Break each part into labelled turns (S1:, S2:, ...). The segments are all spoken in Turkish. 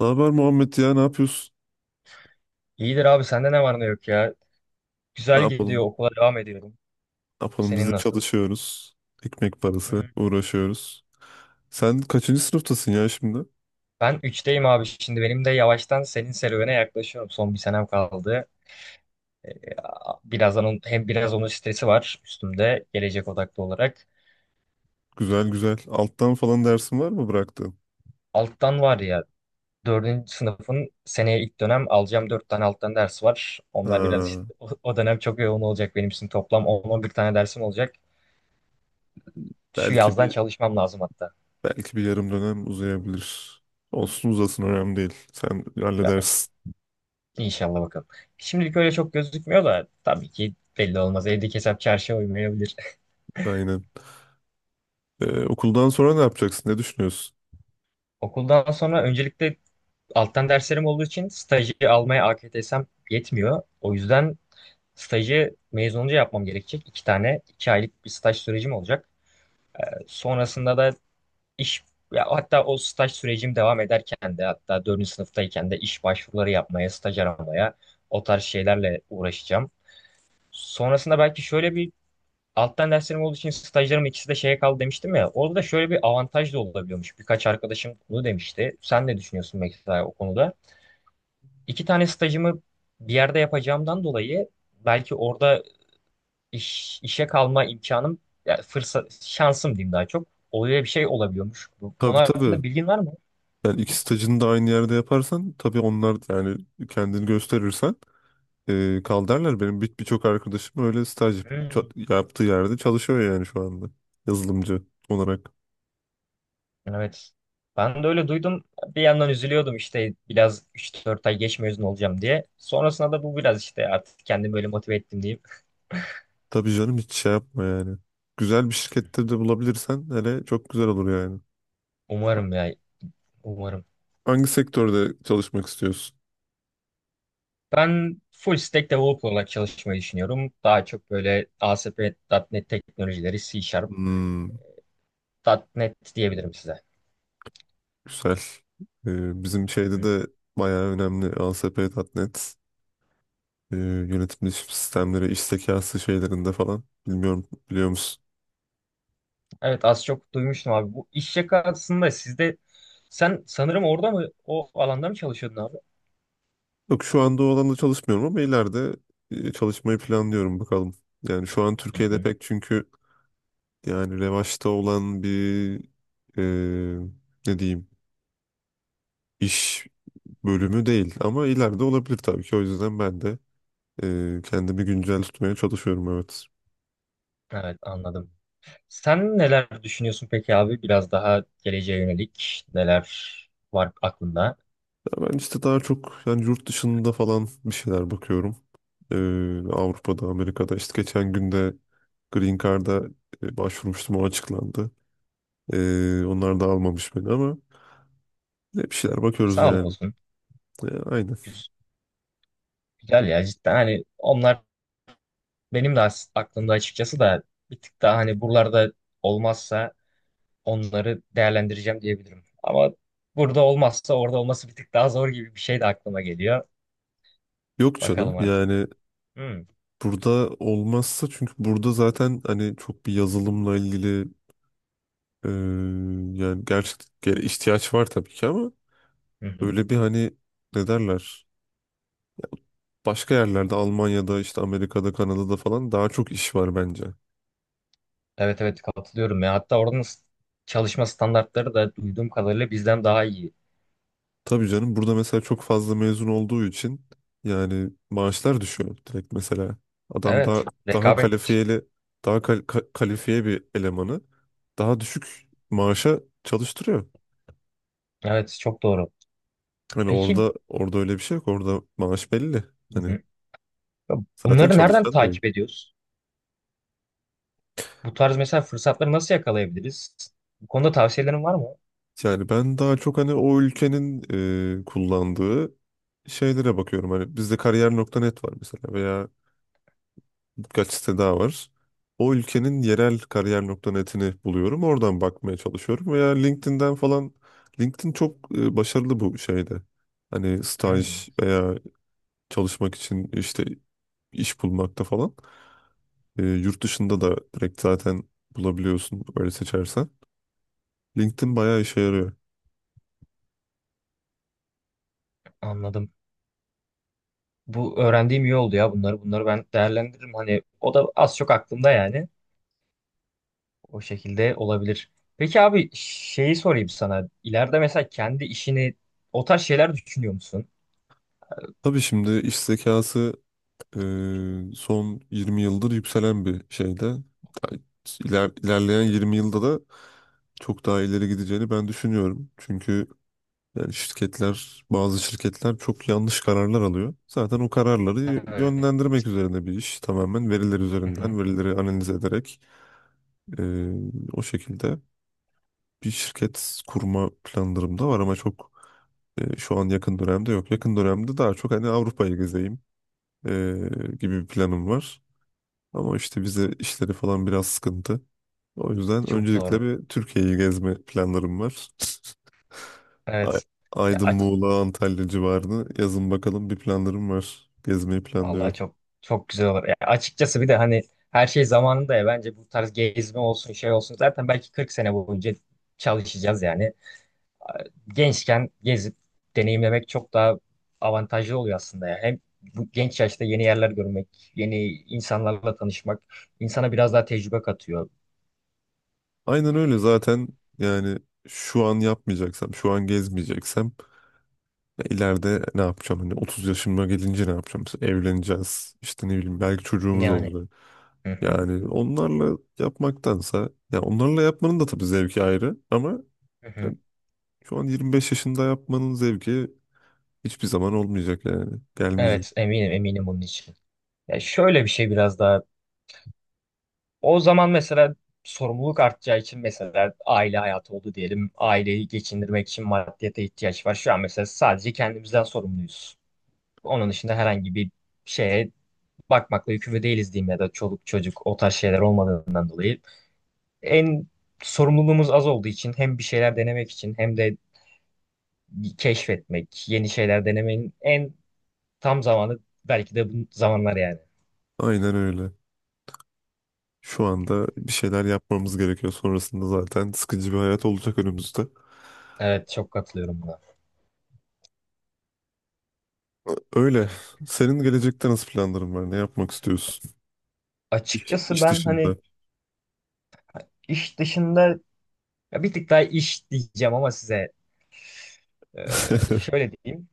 S1: Ne haber Muhammed ya, ne yapıyorsun?
S2: İyidir abi sende ne var ne yok ya.
S1: Ne
S2: Güzel gidiyor,
S1: yapalım?
S2: okula devam ediyorum.
S1: Ne yapalım, biz de
S2: Senin nasıl?
S1: çalışıyoruz. Ekmek parası
S2: Hmm.
S1: uğraşıyoruz. Sen kaçıncı sınıftasın ya şimdi?
S2: Ben üçteyim abi, şimdi benim de yavaştan senin serüvene yaklaşıyorum. Son bir senem kaldı. Ee, Birazdan onun, hem biraz onun stresi var üstümde, gelecek odaklı olarak.
S1: Güzel güzel. Alttan falan dersin var mı bıraktığın?
S2: Alttan var ya, dördüncü sınıfın seneye ilk dönem alacağım 4 tane alttan ders var. Onlar biraz işte
S1: Ha,
S2: o dönem çok yoğun olacak benim için, toplam 10 bir tane dersim olacak. Şu
S1: belki
S2: yazdan
S1: bir
S2: çalışmam lazım hatta.
S1: belki bir yarım dönem uzayabilir. Olsun uzasın, önemli değil. Sen halledersin.
S2: İnşallah bakalım. Şimdilik öyle çok gözükmüyor da tabii ki belli olmaz. Evdeki hesap çarşıya uymayabilir.
S1: Aynen. Okuldan sonra ne yapacaksın? Ne düşünüyorsun?
S2: Okuldan sonra öncelikle alttan derslerim olduğu için stajı almaya AKTS'm yetmiyor. O yüzden stajı mezun olunca yapmam gerekecek. İki tane, iki aylık bir staj sürecim olacak. Sonrasında da iş, ya hatta o staj sürecim devam ederken de, hatta dördüncü sınıftayken de iş başvuruları yapmaya, staj aramaya, o tarz şeylerle uğraşacağım. Sonrasında belki şöyle bir, alttan derslerim olduğu için stajlarım ikisi de şeye kaldı demiştim ya. Orada da şöyle bir avantaj da olabiliyormuş. Birkaç arkadaşım bunu demişti. Sen ne düşünüyorsun mesela o konuda? İki tane stajımı bir yerde yapacağımdan dolayı belki orada işe kalma imkanım, ya fırsat, şansım diyeyim, daha çok. Öyle bir şey olabiliyormuş. Bu konu
S1: Tabii tabii.
S2: hakkında bilgin var mı?
S1: Yani iki stajını da aynı yerde yaparsan tabii onlar, yani kendini gösterirsen kaldarlar. Benim birçok arkadaşım öyle
S2: Hmm,
S1: yaptığı yerde çalışıyor, yani şu anda yazılımcı olarak.
S2: evet. Ben de öyle duydum. Bir yandan üzülüyordum işte, biraz üç dört ay geç mezun olacağım diye. Sonrasında da bu biraz işte artık kendimi böyle motive ettim diyeyim.
S1: Tabii canım, hiç şey yapma yani. Güzel bir şirkette de bulabilirsen hele, çok güzel olur yani.
S2: Umarım ya. Umarım.
S1: Hangi sektörde çalışmak istiyorsun?
S2: Ben full stack developer olarak çalışmayı düşünüyorum. Daha çok böyle ASP.NET teknolojileri, C Sharp,
S1: Hmm,
S2: nokta .NET diyebilirim size.
S1: güzel. E, bizim
S2: Hı
S1: şeyde
S2: hı.
S1: de bayağı önemli ASP.NET, yönetim sistemleri, iş zekası şeylerinde falan. Bilmiyorum, biliyor musun?
S2: Evet, az çok duymuştum abi. Bu iş yakasında sizde, sen sanırım orada mı, o alanda mı çalışıyordun abi?
S1: Yok, şu anda o alanda çalışmıyorum ama ileride çalışmayı planlıyorum, bakalım. Yani şu an
S2: Hı
S1: Türkiye'de
S2: hı.
S1: pek, çünkü yani revaçta olan bir e, ne diyeyim, iş bölümü değil ama ileride olabilir tabii ki. O yüzden ben de kendimi güncel tutmaya çalışıyorum, evet.
S2: Evet, anladım. Sen neler düşünüyorsun peki abi? Biraz daha geleceğe yönelik neler var aklında?
S1: Ya ben işte daha çok yani yurt dışında falan bir şeyler bakıyorum. E, Avrupa'da, Amerika'da, işte geçen günde Green Card'a başvurmuştum, o açıklandı. E, onlar da almamış beni ama ne bir şeyler bakıyoruz
S2: Sağlık
S1: yani.
S2: olsun.
S1: Ya, aynen.
S2: Güz- Güzel ya, cidden hani onlar. Benim de aklımda açıkçası da bir tık daha, hani buralarda olmazsa onları değerlendireceğim diyebilirim. Ama burada olmazsa orada olması bir tık daha zor gibi bir şey de aklıma geliyor.
S1: Yok canım,
S2: Bakalım artık.
S1: yani
S2: Hmm.
S1: burada olmazsa, çünkü burada zaten hani çok bir yazılımla ilgili e, yani gerçekten ihtiyaç var tabii ki ama
S2: Hı hı.
S1: öyle bir hani, ne derler, başka yerlerde Almanya'da, işte Amerika'da, Kanada'da falan daha çok iş var bence.
S2: Evet evet, katılıyorum ya. Hatta oranın çalışma standartları da duyduğum kadarıyla bizden daha iyi.
S1: Tabii canım, burada mesela çok fazla mezun olduğu için yani maaşlar düşüyor direkt mesela. Adam daha
S2: Evet.
S1: evet, daha
S2: Rekabet.
S1: kalifiyeli, kalifiye bir elemanı daha düşük maaşa çalıştırıyor.
S2: Evet, çok doğru.
S1: Hani
S2: Peki,
S1: orada, orada öyle bir şey yok. Orada maaş belli.
S2: hı
S1: Hani
S2: hı. Ya,
S1: zaten evet,
S2: bunları nereden
S1: çalışan da yok.
S2: takip ediyoruz? Bu tarz mesela fırsatları nasıl yakalayabiliriz? Bu konuda tavsiyelerin var mı?
S1: Yani ben daha çok hani o ülkenin kullandığı şeylere bakıyorum. Hani bizde kariyer nokta net var mesela, veya birkaç site daha var. O ülkenin yerel kariyer.net'ini buluyorum. Oradan bakmaya çalışıyorum veya LinkedIn'den falan. LinkedIn çok başarılı bu şeyde. Hani
S2: Hmm,
S1: staj veya çalışmak için, işte iş bulmakta falan. E, yurt dışında da direkt zaten bulabiliyorsun öyle seçersen. LinkedIn bayağı işe yarıyor.
S2: anladım. Bu öğrendiğim iyi oldu ya, bunları. Bunları ben değerlendiririm. Hani o da az çok aklımda yani. O şekilde olabilir. Peki abi, şeyi sorayım sana. İleride mesela kendi işini, o tarz şeyler düşünüyor musun?
S1: Tabii, şimdi iş zekası son 20 yıldır yükselen bir şeyde. Ta- ilerleyen 20 yılda da çok daha ileri gideceğini ben düşünüyorum. Çünkü yani bazı şirketler çok yanlış kararlar alıyor. Zaten o kararları
S2: Evet.
S1: yönlendirmek üzerine bir iş. Tamamen veriler
S2: Hı hı.
S1: üzerinden, verileri analiz ederek e, o şekilde bir şirket kurma planlarım da var ama çok şu an yakın dönemde yok. Yakın dönemde daha çok hani Avrupa'yı gezeyim e, gibi bir planım var. Ama işte bize işleri falan biraz sıkıntı. O yüzden
S2: Çok
S1: öncelikle
S2: doğru.
S1: bir Türkiye'yi gezme planlarım var. Ay-
S2: Evet. Ya
S1: Aydın, Muğla, Antalya civarını yazın, bakalım bir planlarım var. Gezmeyi
S2: vallahi
S1: planlıyorum.
S2: çok çok güzel olur. Ya açıkçası bir de hani, her şey zamanında ya, bence bu tarz gezme olsun, şey olsun, zaten belki 40 sene boyunca çalışacağız yani. Gençken gezip deneyimlemek çok daha avantajlı oluyor aslında ya. Hem bu genç yaşta yeni yerler görmek, yeni insanlarla tanışmak insana biraz daha tecrübe katıyor.
S1: Aynen öyle zaten. Yani şu an yapmayacaksam, şu an gezmeyeceksem ya ileride ne yapacağım? Hani 30 yaşıma gelince ne yapacağım? Mesela evleneceğiz. İşte ne bileyim, belki çocuğumuz
S2: Yani.
S1: olacak.
S2: Hı hı,
S1: Yani onlarla yapmaktansa, ya onlarla yapmanın da tabii zevki ayrı ama
S2: hı hı.
S1: şu an 25 yaşında yapmanın zevki hiçbir zaman olmayacak yani. Gelmeyecek.
S2: Evet, eminim eminim bunun için. Ya şöyle bir şey biraz daha. O zaman mesela sorumluluk artacağı için, mesela aile hayatı oldu diyelim. Aileyi geçindirmek için maddiyata ihtiyaç var. Şu an mesela sadece kendimizden sorumluyuz. Onun dışında herhangi bir şeye bakmakla yükümlü değiliz diyeyim, ya da çoluk çocuk o tarz şeyler olmadığından dolayı. En sorumluluğumuz az olduğu için, hem bir şeyler denemek için hem de keşfetmek, yeni şeyler denemenin en tam zamanı belki de bu zamanlar yani.
S1: Aynen öyle. Şu anda bir şeyler yapmamız gerekiyor. Sonrasında zaten sıkıcı bir hayat olacak önümüzde.
S2: Evet, çok katılıyorum buna.
S1: Öyle. Senin gelecekte nasıl planların var? Ne yapmak istiyorsun? İş,
S2: Açıkçası
S1: iş
S2: ben
S1: dışında.
S2: hani iş dışında, ya bir tık daha iş diyeceğim ama size şöyle diyeyim.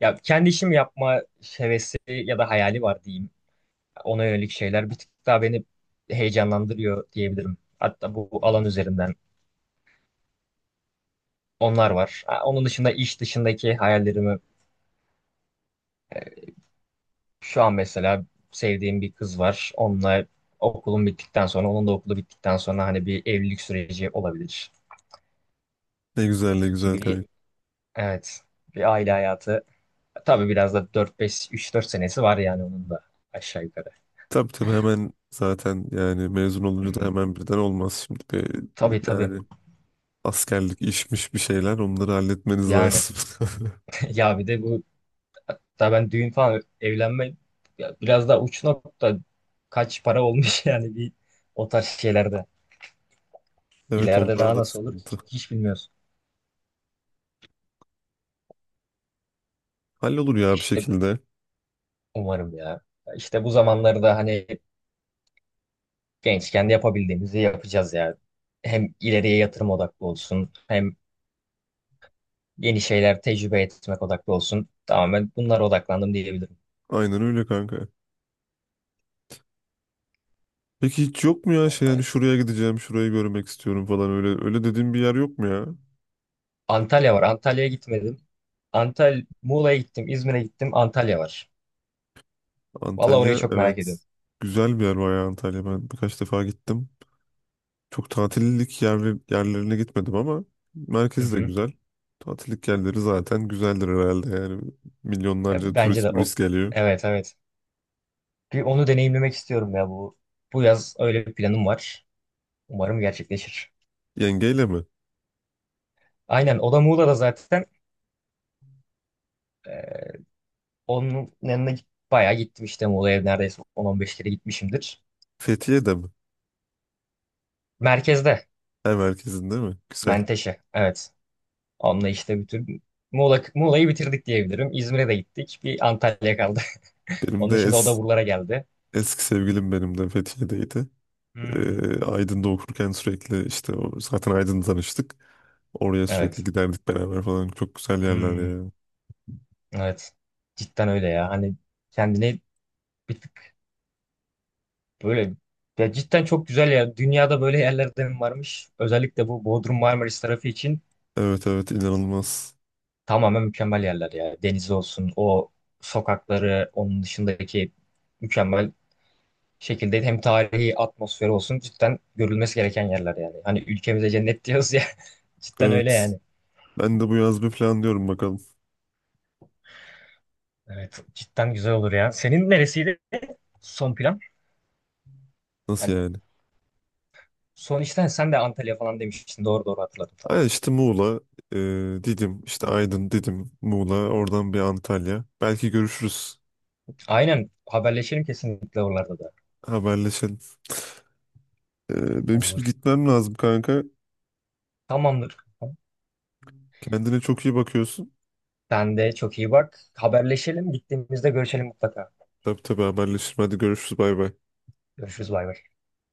S2: Ya kendi işimi yapma hevesi ya da hayali var diyeyim. Ona yönelik şeyler bir tık daha beni heyecanlandırıyor diyebilirim. Hatta bu alan üzerinden onlar var. Ha, onun dışında iş dışındaki hayallerimi, şu an mesela sevdiğim bir kız var. Onunla okulum bittikten sonra, onun da okulu bittikten sonra hani bir evlilik süreci olabilir.
S1: Ne güzel, ne
S2: Ki
S1: güzel
S2: bir,
S1: kanka.
S2: evet, bir aile hayatı. Tabii biraz da dört beş üç dört senesi var yani onun da, aşağı yukarı.
S1: Tabii tabii, hemen zaten yani mezun
S2: Hı
S1: olunca da
S2: hı.
S1: hemen birden olmaz şimdi. Bir,
S2: Tabii tabii.
S1: yani askerlik işmiş bir şeyler, onları halletmeniz
S2: Yani
S1: lazım.
S2: ya bir de bu, hatta ben düğün falan evlenme, ya biraz daha uç nokta, kaç para olmuş yani bir o tarz şeylerde.
S1: Evet,
S2: İleride
S1: onlar
S2: daha
S1: da
S2: nasıl olur
S1: sıkıntı.
S2: hiç bilmiyoruz.
S1: Hallolur ya bir
S2: İşte
S1: şekilde.
S2: umarım ya. İşte bu zamanlarda hani gençken de yapabildiğimizi yapacağız ya. Hem ileriye yatırım odaklı olsun, hem yeni şeyler tecrübe etmek odaklı olsun. Tamamen bunlara odaklandım diyebilirim.
S1: Aynen öyle kanka. Peki hiç yok mu ya şey,
S2: Vallahi,
S1: yani
S2: öyle.
S1: şuraya gideceğim, şurayı görmek istiyorum falan, öyle öyle dediğim bir yer yok mu ya?
S2: Antalya var. Antalya'ya gitmedim. Muğla'ya gittim, İzmir'e gittim. Antalya var. Vallahi orayı
S1: Antalya,
S2: çok merak ediyorum.
S1: evet. Güzel bir yer bayağı Antalya. Ben birkaç defa gittim. Çok tatillik yerler, yerlerine gitmedim ama
S2: Hı
S1: merkezi de
S2: hı.
S1: güzel. Tatillik yerleri zaten güzeldir herhalde yani.
S2: Ya
S1: Milyonlarca
S2: bence de
S1: turist geliyor.
S2: evet evet. Bir onu deneyimlemek istiyorum ya, bu yaz öyle bir planım var. Umarım gerçekleşir.
S1: Yengeyle mi?
S2: Aynen, o da Muğla'da zaten. Ee, Onun yanına bayağı gittim işte, Muğla'ya neredeyse 10-15 kere gitmişimdir.
S1: Fethiye'de mi?
S2: Merkezde.
S1: Ha, merkezinde mi? Güzel.
S2: Menteşe, evet. Onunla işte bütün Muğla'yı bitirdik diyebilirim. İzmir'e de gittik. Bir Antalya kaldı.
S1: Benim
S2: Onun
S1: de
S2: dışında o da
S1: es,
S2: buralara geldi.
S1: Eski sevgilim benim de Fethiye'deydi.
S2: Hmm.
S1: E, Aydın'da okurken sürekli işte o, zaten Aydın'da tanıştık. Oraya sürekli
S2: Evet.
S1: giderdik beraber falan. Çok güzel yerler
S2: Hmm.
S1: ya.
S2: Evet. Cidden öyle ya. Hani kendini bir tık, böyle ya cidden çok güzel ya. Dünyada böyle yerlerden varmış. Özellikle bu Bodrum Marmaris tarafı için
S1: Evet evet, inanılmaz.
S2: tamamen mükemmel yerler ya. Denizi olsun, o sokakları, onun dışındaki mükemmel şekilde hem tarihi atmosferi olsun, cidden görülmesi gereken yerler yani. Hani ülkemize cennet diyoruz ya. Cidden öyle
S1: Evet.
S2: yani.
S1: Ben de bu yaz bir plan diyorum, bakalım.
S2: Evet, cidden güzel olur ya. Senin neresiydi son plan?
S1: Nasıl
S2: Yani
S1: yani?
S2: son işten sen de Antalya falan demiştin. Doğru doğru, hatırladım tam.
S1: Ay, işte Muğla, e, Didim, işte Aydın, Didim, Muğla, oradan bir Antalya. Belki görüşürüz.
S2: Aynen, haberleşelim kesinlikle oralarda da.
S1: Haberleşelim. E, benim şimdi
S2: Olur.
S1: gitmem lazım kanka.
S2: Tamamdır.
S1: Kendine çok iyi bakıyorsun.
S2: Sen de çok iyi bak. Haberleşelim. Gittiğimizde görüşelim mutlaka.
S1: Tabii tabii, haberleşelim. Hadi görüşürüz. Bay bay.
S2: Görüşürüz, bay bay.